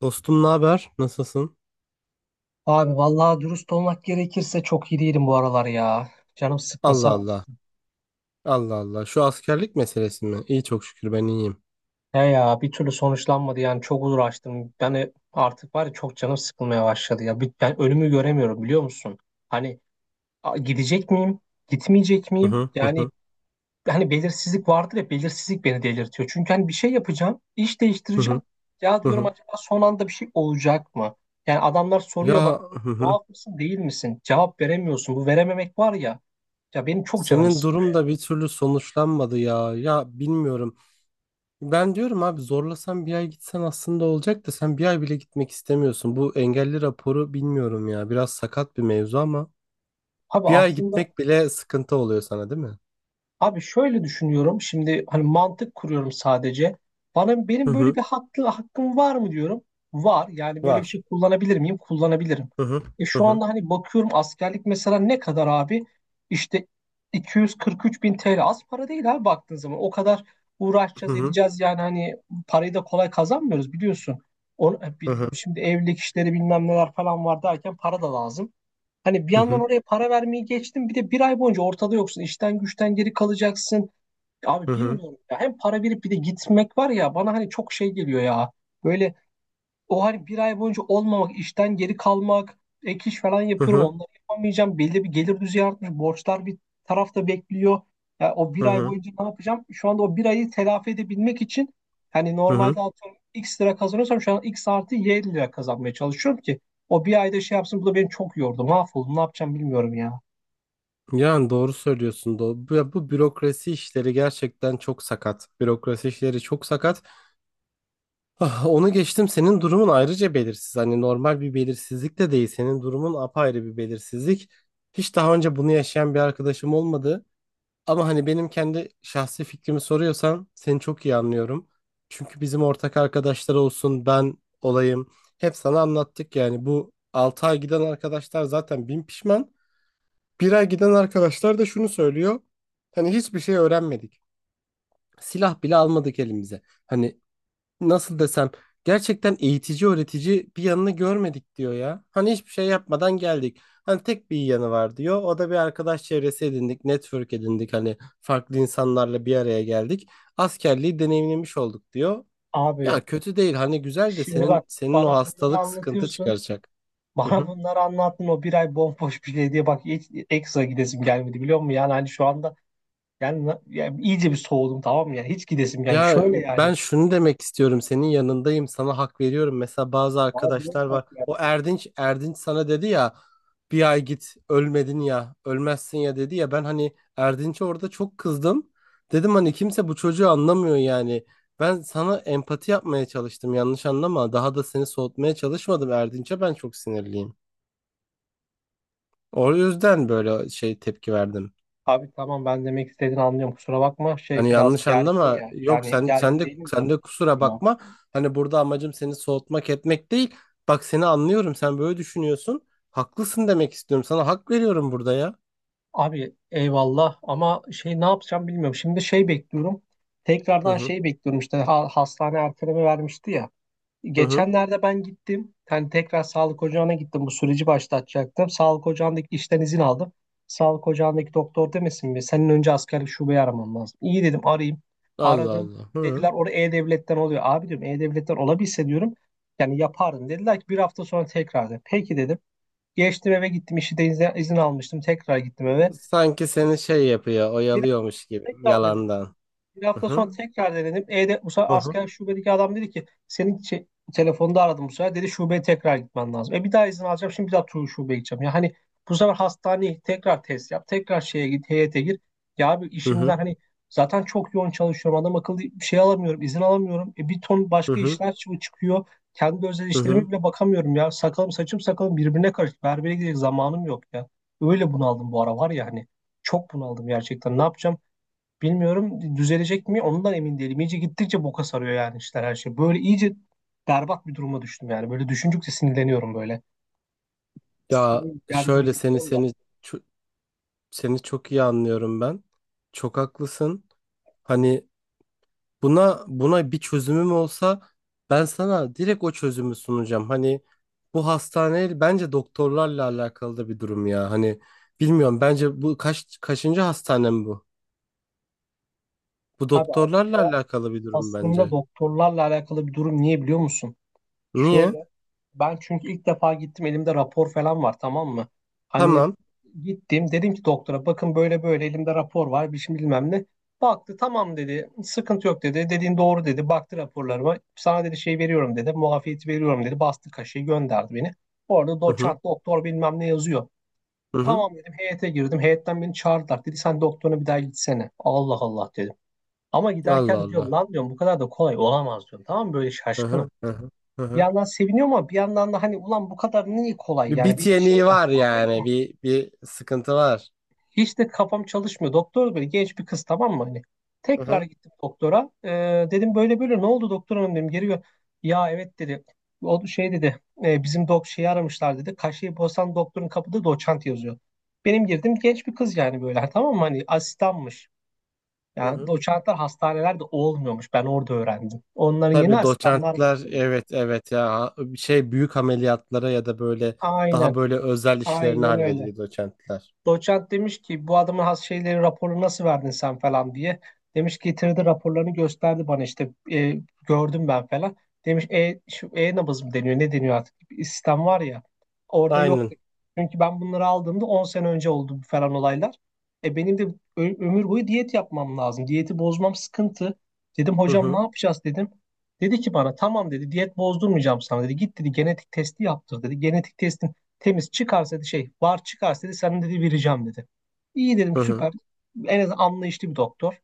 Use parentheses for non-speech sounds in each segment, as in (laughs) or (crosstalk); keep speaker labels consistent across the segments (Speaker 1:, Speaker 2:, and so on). Speaker 1: Dostum ne haber? Nasılsın?
Speaker 2: Abi vallahi dürüst olmak gerekirse çok iyi değilim bu aralar ya. Canım sıkkın,
Speaker 1: Allah
Speaker 2: sen
Speaker 1: Allah.
Speaker 2: nasılsın?
Speaker 1: Allah Allah. Şu askerlik meselesi mi? İyi çok şükür ben iyiyim.
Speaker 2: He ya, bir türlü sonuçlanmadı yani çok uğraştım. Artık var ya, çok canım sıkılmaya başladı ya. Ben önümü göremiyorum, biliyor musun? Hani, gidecek miyim? Gitmeyecek
Speaker 1: Hı
Speaker 2: miyim?
Speaker 1: hı hı hı
Speaker 2: Yani, hani belirsizlik vardır ya, belirsizlik beni delirtiyor. Çünkü hani bir şey yapacağım, iş
Speaker 1: hı hı.
Speaker 2: değiştireceğim. Ya
Speaker 1: Hı
Speaker 2: diyorum,
Speaker 1: hı.
Speaker 2: acaba son anda bir şey olacak mı? Yani adamlar soruyor bana,
Speaker 1: Ya hı hı.
Speaker 2: muaf mısın değil misin? Cevap veremiyorsun. Bu verememek var ya. Ya, benim çok canım
Speaker 1: Senin
Speaker 2: sıkıyor.
Speaker 1: durum da bir türlü sonuçlanmadı ya. Ya bilmiyorum. Ben diyorum abi zorlasan bir ay gitsen aslında olacak da sen bir ay bile gitmek istemiyorsun. Bu engelli raporu bilmiyorum ya. Biraz sakat bir mevzu ama
Speaker 2: Abi
Speaker 1: bir ay
Speaker 2: aslında
Speaker 1: gitmek bile sıkıntı oluyor sana değil mi?
Speaker 2: abi şöyle düşünüyorum. Şimdi hani mantık kuruyorum sadece. Bana
Speaker 1: Hı
Speaker 2: benim böyle
Speaker 1: hı.
Speaker 2: bir hakkı, hakkım var mı diyorum. Var. Yani böyle bir şey
Speaker 1: Var.
Speaker 2: kullanabilir miyim? Kullanabilirim.
Speaker 1: Hı hı.
Speaker 2: E
Speaker 1: Hı
Speaker 2: şu
Speaker 1: hı.
Speaker 2: anda hani bakıyorum, askerlik mesela ne kadar abi? İşte 243 bin TL, az para değil abi baktığın zaman. O kadar
Speaker 1: Hı
Speaker 2: uğraşacağız
Speaker 1: hı.
Speaker 2: edeceğiz yani, hani parayı da kolay kazanmıyoruz biliyorsun. Onu, e,
Speaker 1: Hı
Speaker 2: bil-
Speaker 1: hı.
Speaker 2: şimdi evlilik işleri bilmem neler falan var derken, para da lazım. Hani bir
Speaker 1: Hı
Speaker 2: yandan
Speaker 1: hı.
Speaker 2: oraya para vermeyi geçtim, bir de bir ay boyunca ortada yoksun. İşten güçten geri kalacaksın.
Speaker 1: Hı
Speaker 2: Abi
Speaker 1: hı.
Speaker 2: bilmiyorum ya. Hem para verip bir de gitmek var ya, bana hani çok şey geliyor ya. Böyle, o hani bir ay boyunca olmamak, işten geri kalmak, ek iş falan
Speaker 1: Hı
Speaker 2: yapıyorum,
Speaker 1: hı.
Speaker 2: onları yapamayacağım. Belli bir gelir düzeyi artmış, borçlar bir tarafta bekliyor. Ya o
Speaker 1: Hı
Speaker 2: bir ay
Speaker 1: hı.
Speaker 2: boyunca ne yapacağım? Şu anda o bir ayı telafi edebilmek için hani,
Speaker 1: Hı hı.
Speaker 2: normalde atıyorum X lira kazanıyorsam, şu an X artı Y lira kazanmaya çalışıyorum ki o bir ayda şey yapsın. Bu da beni çok yordu. Mahvoldum, ne yapacağım bilmiyorum ya.
Speaker 1: Yani doğru söylüyorsun. Doğru. Ya bu bürokrasi işleri gerçekten çok sakat. Bürokrasi işleri çok sakat. (laughs) Ah, onu geçtim. Senin durumun ayrıca belirsiz. Hani normal bir belirsizlik de değil. Senin durumun apayrı bir belirsizlik. Hiç daha önce bunu yaşayan bir arkadaşım olmadı. Ama hani benim kendi şahsi fikrimi soruyorsan seni çok iyi anlıyorum. Çünkü bizim ortak arkadaşlar olsun ben olayım. Hep sana anlattık yani bu 6 ay giden arkadaşlar zaten bin pişman. Bir ay giden arkadaşlar da şunu söylüyor. Hani hiçbir şey öğrenmedik. Silah bile almadık elimize. Hani nasıl desem gerçekten eğitici öğretici bir yanını görmedik diyor ya. Hani hiçbir şey yapmadan geldik. Hani tek bir iyi yanı var diyor. O da bir arkadaş çevresi edindik, network edindik. Hani farklı insanlarla bir araya geldik. Askerliği deneyimlemiş olduk diyor.
Speaker 2: Abi
Speaker 1: Ya kötü değil. Hani güzel de
Speaker 2: şimdi
Speaker 1: senin
Speaker 2: bak,
Speaker 1: senin o
Speaker 2: bana bunları
Speaker 1: hastalık sıkıntı
Speaker 2: anlatıyorsun. (laughs)
Speaker 1: çıkaracak. (laughs)
Speaker 2: Bana bunları anlattın, o bir ay bomboş bir şey diye bak, hiç ekstra gidesim gelmedi, biliyor musun? Yani, hani şu anda yani, yani iyice bir soğudum, tamam mı? Yani hiç gidesim, yani
Speaker 1: Ya
Speaker 2: şöyle
Speaker 1: ben
Speaker 2: yani.
Speaker 1: şunu demek istiyorum, senin yanındayım, sana hak veriyorum. Mesela bazı
Speaker 2: Bana bunu
Speaker 1: arkadaşlar var. O Erdinç sana dedi ya, bir ay git ölmedin ya ölmezsin ya dedi ya, ben hani Erdinç'e orada çok kızdım. Dedim hani kimse bu çocuğu anlamıyor yani. Ben sana empati yapmaya çalıştım, yanlış anlama. Daha da seni soğutmaya çalışmadım, Erdinç'e ben çok sinirliyim. O yüzden böyle şey tepki verdim.
Speaker 2: Abi tamam, ben demek istediğini anlıyorum, kusura bakma, şey,
Speaker 1: Hani
Speaker 2: biraz
Speaker 1: yanlış
Speaker 2: gerginim
Speaker 1: anlama.
Speaker 2: ya.
Speaker 1: Yok
Speaker 2: Yani
Speaker 1: sen sen
Speaker 2: gergin
Speaker 1: de
Speaker 2: değilim de,
Speaker 1: sen de kusura
Speaker 2: tamam.
Speaker 1: bakma. Hani burada amacım seni soğutmak etmek değil. Bak, seni anlıyorum. Sen böyle düşünüyorsun. Haklısın demek istiyorum. Sana hak veriyorum burada ya.
Speaker 2: Abi eyvallah, ama şey, ne yapacağım bilmiyorum. Şimdi şey bekliyorum,
Speaker 1: Hı
Speaker 2: tekrardan
Speaker 1: hı.
Speaker 2: şey bekliyorum işte. Hastane erteleme vermişti ya.
Speaker 1: Hı hı.
Speaker 2: Geçenlerde ben gittim. Hani tekrar sağlık ocağına gittim. Bu süreci başlatacaktım. Sağlık ocağındaki işten izin aldım. Sağlık ocağındaki doktor demesin mi, senin önce askerlik şubeyi aramam lazım. İyi dedim, arayayım.
Speaker 1: Allah
Speaker 2: Aradım.
Speaker 1: Allah. Hı.
Speaker 2: Dediler orada E-Devlet'ten oluyor. Abi diyorum, E-Devlet'ten olabilse diyorum, yani yapardım. Dediler ki bir hafta sonra tekrar. Dedim peki, dedim. Geçtim eve gittim. İşi de izin almıştım. Tekrar gittim eve.
Speaker 1: Sanki seni şey yapıyor,
Speaker 2: Bir
Speaker 1: oyalıyormuş
Speaker 2: hafta
Speaker 1: gibi
Speaker 2: tekrar denedim.
Speaker 1: yalandan.
Speaker 2: Bir
Speaker 1: Hı
Speaker 2: hafta
Speaker 1: hı.
Speaker 2: sonra tekrar denedim. E'de bu sefer
Speaker 1: Hı hı.
Speaker 2: asker şubedeki adam dedi ki senin şey, telefonda aradım bu sefer. Dedi şubeye tekrar gitmen lazım. Bir daha izin alacağım. Şimdi bir daha tur şubeye gideceğim. Ya hani bu sefer hastaneye tekrar test yap, tekrar şeye git, heyete gir. Ya abi,
Speaker 1: Hı hı.
Speaker 2: işimden hani zaten çok yoğun çalışıyorum. Adam akıllı bir şey alamıyorum, izin alamıyorum. Bir ton
Speaker 1: Hı
Speaker 2: başka
Speaker 1: hı.
Speaker 2: işler çıkıyor. Kendi özel
Speaker 1: Hı
Speaker 2: işlerime
Speaker 1: hı.
Speaker 2: bile bakamıyorum ya. Sakalım saçım sakalım birbirine karıştı. Berbere gidecek zamanım yok ya. Öyle bunaldım bu ara var ya, hani çok bunaldım gerçekten. Ne yapacağım? Bilmiyorum, düzelecek mi ondan emin değilim. İyice gittikçe boka sarıyor yani, işler, her şey. Böyle iyice berbat bir duruma düştüm yani. Böyle düşündükçe sinirleniyorum böyle,
Speaker 1: Ya
Speaker 2: sinir geldi gibi,
Speaker 1: şöyle
Speaker 2: bilmiyorum da.
Speaker 1: ço- seni çok iyi anlıyorum ben. Çok haklısın. Hani buna bir çözümüm olsa ben sana direkt o çözümü sunacağım. Hani bu hastane bence doktorlarla alakalı da bir durum ya. Hani bilmiyorum, bence bu kaçıncı hastanem bu? Bu
Speaker 2: Abi
Speaker 1: doktorlarla
Speaker 2: aslında,
Speaker 1: alakalı bir durum
Speaker 2: aslında
Speaker 1: bence.
Speaker 2: doktorlarla alakalı bir durum, niye biliyor musun?
Speaker 1: Niye?
Speaker 2: Şöyle, ben çünkü ilk defa gittim, elimde rapor falan var, tamam mı? Hani
Speaker 1: Tamam.
Speaker 2: gittim, dedim ki doktora, bakın böyle böyle, elimde rapor var, bir şey, bilmem ne. Baktı, tamam dedi, sıkıntı yok dedi, dediğin doğru dedi, baktı raporlarıma, sana dedi şey veriyorum dedi, muafiyeti veriyorum dedi, bastı kaşeyi, gönderdi beni. Orada
Speaker 1: Hı hı.
Speaker 2: doçent doktor bilmem ne yazıyor.
Speaker 1: Hı hı.
Speaker 2: Tamam dedim, heyete girdim, heyetten beni çağırdılar, dedi sen doktoruna bir daha gitsene. Allah Allah dedim. Ama
Speaker 1: Allah
Speaker 2: giderken diyorum,
Speaker 1: Allah.
Speaker 2: lan diyorum bu kadar da kolay olamaz diyorum, tamam mı, böyle
Speaker 1: Hı
Speaker 2: şaşkınım.
Speaker 1: hı. Hı hı. Hı
Speaker 2: Bir
Speaker 1: hı.
Speaker 2: yandan seviniyor, ama bir yandan da hani, ulan bu kadar niye kolay,
Speaker 1: Bir
Speaker 2: yani
Speaker 1: bit
Speaker 2: bir şey
Speaker 1: yeniği
Speaker 2: var.
Speaker 1: var
Speaker 2: Ha,
Speaker 1: yani.
Speaker 2: aynen.
Speaker 1: Bir sıkıntı var.
Speaker 2: Hiç de kafam çalışmıyor. Doktor böyle genç bir kız, tamam mı hani.
Speaker 1: Hı
Speaker 2: Tekrar
Speaker 1: hı.
Speaker 2: gittim doktora. Dedim böyle böyle, ne oldu doktor hanım dedim. Ya evet dedi. O şey dedi, bizim şeyi aramışlar" dedi. Kaşeyi bozan doktorun kapıda doçent yazıyor. Benim girdim genç bir kız, yani böyle tamam mı hani, asistanmış.
Speaker 1: Hı
Speaker 2: Yani
Speaker 1: hı.
Speaker 2: doçentler hastanelerde olmuyormuş. Ben orada öğrendim. Onların yeni,
Speaker 1: Tabii,
Speaker 2: asistanlar
Speaker 1: doçentler,
Speaker 2: bakıyormuş.
Speaker 1: evet evet, ya bir şey büyük ameliyatlara ya da böyle daha
Speaker 2: Aynen.
Speaker 1: böyle özel işlerini
Speaker 2: Aynen öyle.
Speaker 1: hallediyor doçentler.
Speaker 2: Doçent demiş ki bu adamın has şeyleri, raporu nasıl verdin sen falan diye. Demiş, getirdi raporlarını gösterdi bana işte, gördüm ben falan. Demiş, şu E-Nabız mı deniyor ne deniyor artık, bir sistem var ya, orada yok.
Speaker 1: Aynen.
Speaker 2: Çünkü ben bunları aldığımda 10 sene önce oldu bu falan olaylar. Benim de ömür boyu diyet yapmam lazım. Diyeti bozmam sıkıntı. Dedim
Speaker 1: Hı
Speaker 2: hocam ne
Speaker 1: hı
Speaker 2: yapacağız dedim. Dedi ki bana, tamam dedi, diyet bozdurmayacağım sana dedi. Git dedi, genetik testi yaptır dedi. Genetik testi temiz çıkarsa dedi, şey var çıkarsa dedi senin, dedi vereceğim dedi. İyi dedim,
Speaker 1: hı hı
Speaker 2: süper. En az anlayışlı bir doktor.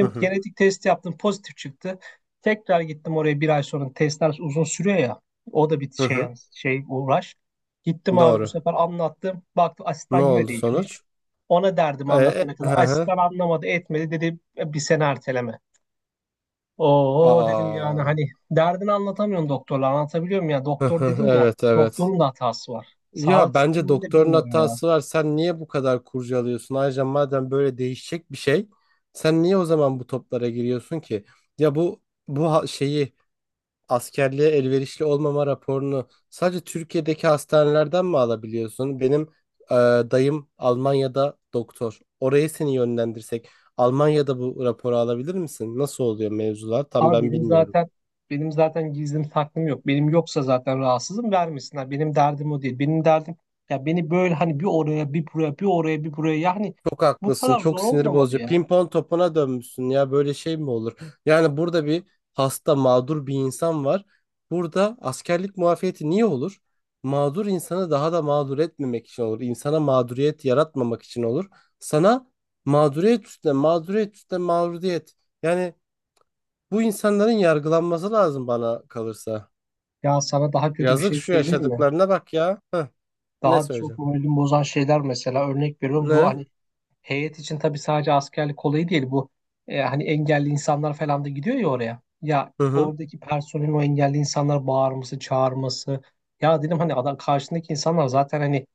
Speaker 1: hı hı.
Speaker 2: genetik test yaptım, pozitif çıktı. Tekrar gittim oraya bir ay sonra, testler uzun sürüyor ya. O da bir
Speaker 1: Hı
Speaker 2: şey
Speaker 1: hı.
Speaker 2: şey uğraş. Gittim abi, bu
Speaker 1: Doğru.
Speaker 2: sefer anlattım. Baktım asistan
Speaker 1: Ne
Speaker 2: yine
Speaker 1: oldu
Speaker 2: değişmiş.
Speaker 1: sonuç?
Speaker 2: Ona derdim anlatana kadar.
Speaker 1: Hı hı.
Speaker 2: Asistan anlamadı etmedi, dedi "E, bir sene erteleme." Oo dedim, yani
Speaker 1: Aa.
Speaker 2: hani derdini anlatamıyorsun doktorla, anlatabiliyor muyum ya,
Speaker 1: Hı
Speaker 2: doktor
Speaker 1: hı,
Speaker 2: dedin ya,
Speaker 1: evet evet.
Speaker 2: doktorun da hatası var.
Speaker 1: Ya
Speaker 2: Sağlık
Speaker 1: bence
Speaker 2: sisteminde,
Speaker 1: doktorun
Speaker 2: bilmiyorum ya.
Speaker 1: hatası var. Sen niye bu kadar kurcalıyorsun? Ayrıca madem böyle değişecek bir şey, sen niye o zaman bu toplara giriyorsun ki? Ya bu şeyi askerliğe elverişli olmama raporunu sadece Türkiye'deki hastanelerden mi alabiliyorsun? Benim e, dayım Almanya'da doktor. Oraya seni yönlendirsek Almanya'da bu raporu alabilir misin? Nasıl oluyor mevzular? Tam
Speaker 2: Ama
Speaker 1: ben
Speaker 2: benim
Speaker 1: bilmiyorum.
Speaker 2: zaten benim zaten gizlim saklım yok. Benim yoksa zaten rahatsızım, vermesinler. Benim derdim o değil. Benim derdim ya, beni böyle hani bir oraya bir buraya bir oraya bir buraya yani,
Speaker 1: Çok
Speaker 2: bu
Speaker 1: haklısın.
Speaker 2: kadar
Speaker 1: Çok
Speaker 2: zor
Speaker 1: sinir
Speaker 2: olmamalı
Speaker 1: bozucu.
Speaker 2: ya.
Speaker 1: Pimpon topuna dönmüşsün ya. Böyle şey mi olur? Yani burada bir hasta, mağdur bir insan var. Burada askerlik muafiyeti niye olur? Mağdur insanı daha da mağdur etmemek için olur. İnsana mağduriyet yaratmamak için olur. Sana mağduriyet üstüne, mağduriyet üstüne mağduriyet. Yani bu insanların yargılanması lazım bana kalırsa.
Speaker 2: Ya sana daha kötü bir
Speaker 1: Yazık
Speaker 2: şey
Speaker 1: şu
Speaker 2: söyleyeyim mi?
Speaker 1: yaşadıklarına bak ya. Heh, ne
Speaker 2: Daha çok
Speaker 1: söyleyeceğim?
Speaker 2: moralimi bozan şeyler, mesela örnek veriyorum, bu
Speaker 1: Ne?
Speaker 2: hani heyet için tabii, sadece askerlik olayı değil bu, hani engelli insanlar falan da gidiyor ya oraya. Ya
Speaker 1: Hı hı.
Speaker 2: oradaki personelin o engelli insanlar bağırması, çağırması. Ya dedim hani, adam karşındaki insanlar zaten hani,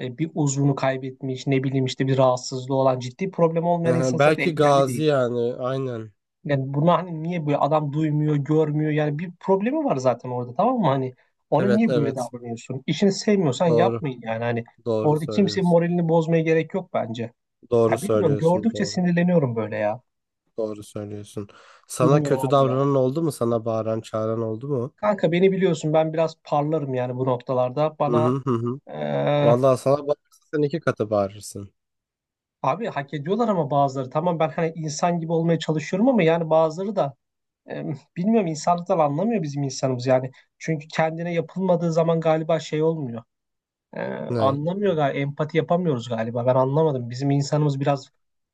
Speaker 2: bir uzvunu kaybetmiş, ne bileyim işte bir rahatsızlığı olan, ciddi problem olmayan
Speaker 1: Hı
Speaker 2: insan
Speaker 1: hı.
Speaker 2: zaten
Speaker 1: Belki
Speaker 2: engelli
Speaker 1: gazi
Speaker 2: değil.
Speaker 1: yani. Aynen.
Speaker 2: Yani buna hani niye böyle adam, duymuyor, görmüyor yani, bir problemi var zaten orada, tamam mı hani. Ona
Speaker 1: Evet
Speaker 2: niye böyle
Speaker 1: evet.
Speaker 2: davranıyorsun? İşini sevmiyorsan
Speaker 1: Doğru.
Speaker 2: yapmayın yani, hani
Speaker 1: Doğru
Speaker 2: orada kimsenin
Speaker 1: söylüyorsun.
Speaker 2: moralini bozmaya gerek yok bence.
Speaker 1: Doğru
Speaker 2: Ya bilmiyorum,
Speaker 1: söylüyorsun.
Speaker 2: gördükçe
Speaker 1: Doğru.
Speaker 2: sinirleniyorum böyle ya.
Speaker 1: Doğru söylüyorsun. Sana
Speaker 2: Bilmiyorum
Speaker 1: kötü
Speaker 2: abi ya.
Speaker 1: davranan oldu mu? Sana bağıran, çağıran oldu mu?
Speaker 2: Kanka beni biliyorsun, ben biraz parlarım yani bu noktalarda.
Speaker 1: Hı
Speaker 2: Bana
Speaker 1: hı hı. Hı.
Speaker 2: eee,
Speaker 1: Vallahi sana bağırırsa sen iki katı bağırırsın.
Speaker 2: abi hak ediyorlar ama bazıları. Tamam ben hani insan gibi olmaya çalışıyorum, ama yani bazıları da, bilmiyorum, insanlıktan anlamıyor bizim insanımız yani. Çünkü kendine yapılmadığı zaman galiba şey olmuyor. Ee,
Speaker 1: Ne?
Speaker 2: anlamıyor galiba, empati yapamıyoruz galiba. Ben anlamadım. Bizim insanımız biraz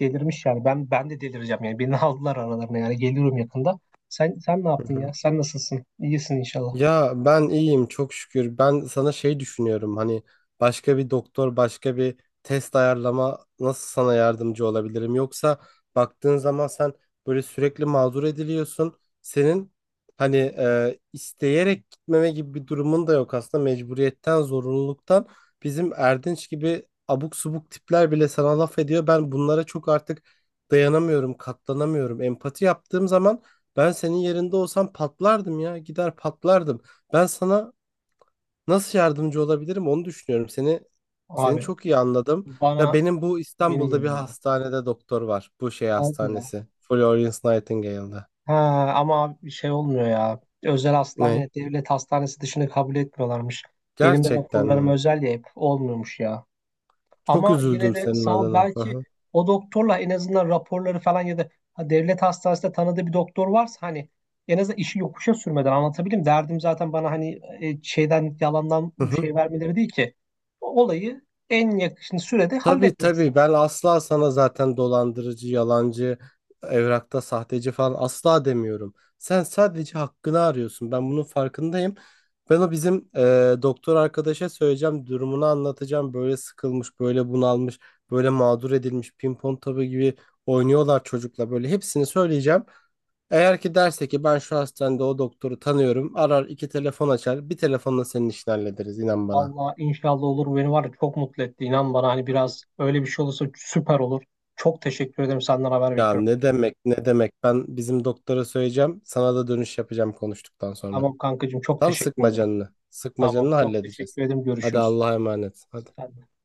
Speaker 2: delirmiş yani. Ben de delireceğim yani. Beni (laughs) aldılar aralarına yani. Geliyorum yakında. Sen ne
Speaker 1: Hı
Speaker 2: yaptın
Speaker 1: hı.
Speaker 2: ya? Sen nasılsın? İyisin inşallah.
Speaker 1: Ya ben iyiyim çok şükür. Ben sana şey düşünüyorum, hani başka bir doktor, başka bir test ayarlama, nasıl sana yardımcı olabilirim? Yoksa baktığın zaman sen böyle sürekli mağdur ediliyorsun. Senin hani isteyerek gitmeme gibi bir durumun da yok aslında, mecburiyetten zorunluluktan. Bizim Erdinç gibi abuk subuk tipler bile sana laf ediyor. Ben bunlara çok artık dayanamıyorum, katlanamıyorum. Empati yaptığım zaman ben senin yerinde olsam patlardım ya. Gider patlardım. Ben sana nasıl yardımcı olabilirim onu düşünüyorum. Seni
Speaker 2: Abi
Speaker 1: çok iyi anladım. Ya
Speaker 2: bana
Speaker 1: benim bu İstanbul'da bir
Speaker 2: bilmiyorum ya.
Speaker 1: hastanede doktor var. Bu şey
Speaker 2: Hadi ya.
Speaker 1: hastanesi. Florence Nightingale'da.
Speaker 2: Ha, ama abi bir şey olmuyor ya. Özel
Speaker 1: Ne?
Speaker 2: hastane, devlet hastanesi dışında kabul etmiyorlarmış. Benim de
Speaker 1: Gerçekten
Speaker 2: raporlarım
Speaker 1: mi?
Speaker 2: özel ya, hep olmuyormuş ya.
Speaker 1: Çok
Speaker 2: Ama yine
Speaker 1: üzüldüm
Speaker 2: de
Speaker 1: senin
Speaker 2: sağ ol,
Speaker 1: adına. Hı
Speaker 2: belki
Speaker 1: hı.
Speaker 2: o doktorla en azından raporları falan, ya da ha, devlet hastanesinde tanıdığı bir doktor varsa hani, en azından işi yokuşa sürmeden anlatabilirim. Derdim zaten bana hani, şeyden yalandan şey
Speaker 1: (laughs)
Speaker 2: vermeleri değil ki. O olayı en yakın sürede
Speaker 1: Tabii
Speaker 2: halletmek, sağ ol.
Speaker 1: tabii, ben asla sana zaten dolandırıcı, yalancı, evrakta sahteci falan asla demiyorum. Sen sadece hakkını arıyorsun. Ben bunun farkındayım. Ben o bizim doktor arkadaşa söyleyeceğim, durumunu anlatacağım. Böyle sıkılmış, böyle bunalmış, böyle mağdur edilmiş, pimpon tabu gibi oynuyorlar çocukla, böyle hepsini söyleyeceğim. Eğer ki derse ki ben şu hastanede o doktoru tanıyorum, arar iki telefon açar, bir telefonla senin işini hallederiz, inan bana.
Speaker 2: Vallahi inşallah olur. Beni var ya çok mutlu etti. İnan bana hani, biraz öyle bir şey olursa süper olur. Çok teşekkür ederim, senden haber
Speaker 1: Ya
Speaker 2: bekliyorum.
Speaker 1: ne demek ne demek, ben bizim doktora söyleyeceğim, sana da dönüş yapacağım konuştuktan sonra.
Speaker 2: Tamam kankacığım, çok
Speaker 1: Tam
Speaker 2: teşekkür
Speaker 1: sıkma
Speaker 2: ederim.
Speaker 1: canını, sıkma
Speaker 2: Tamam
Speaker 1: canını,
Speaker 2: çok
Speaker 1: halledeceğiz.
Speaker 2: teşekkür ederim.
Speaker 1: Hadi
Speaker 2: Görüşürüz.
Speaker 1: Allah'a emanet hadi.
Speaker 2: Sen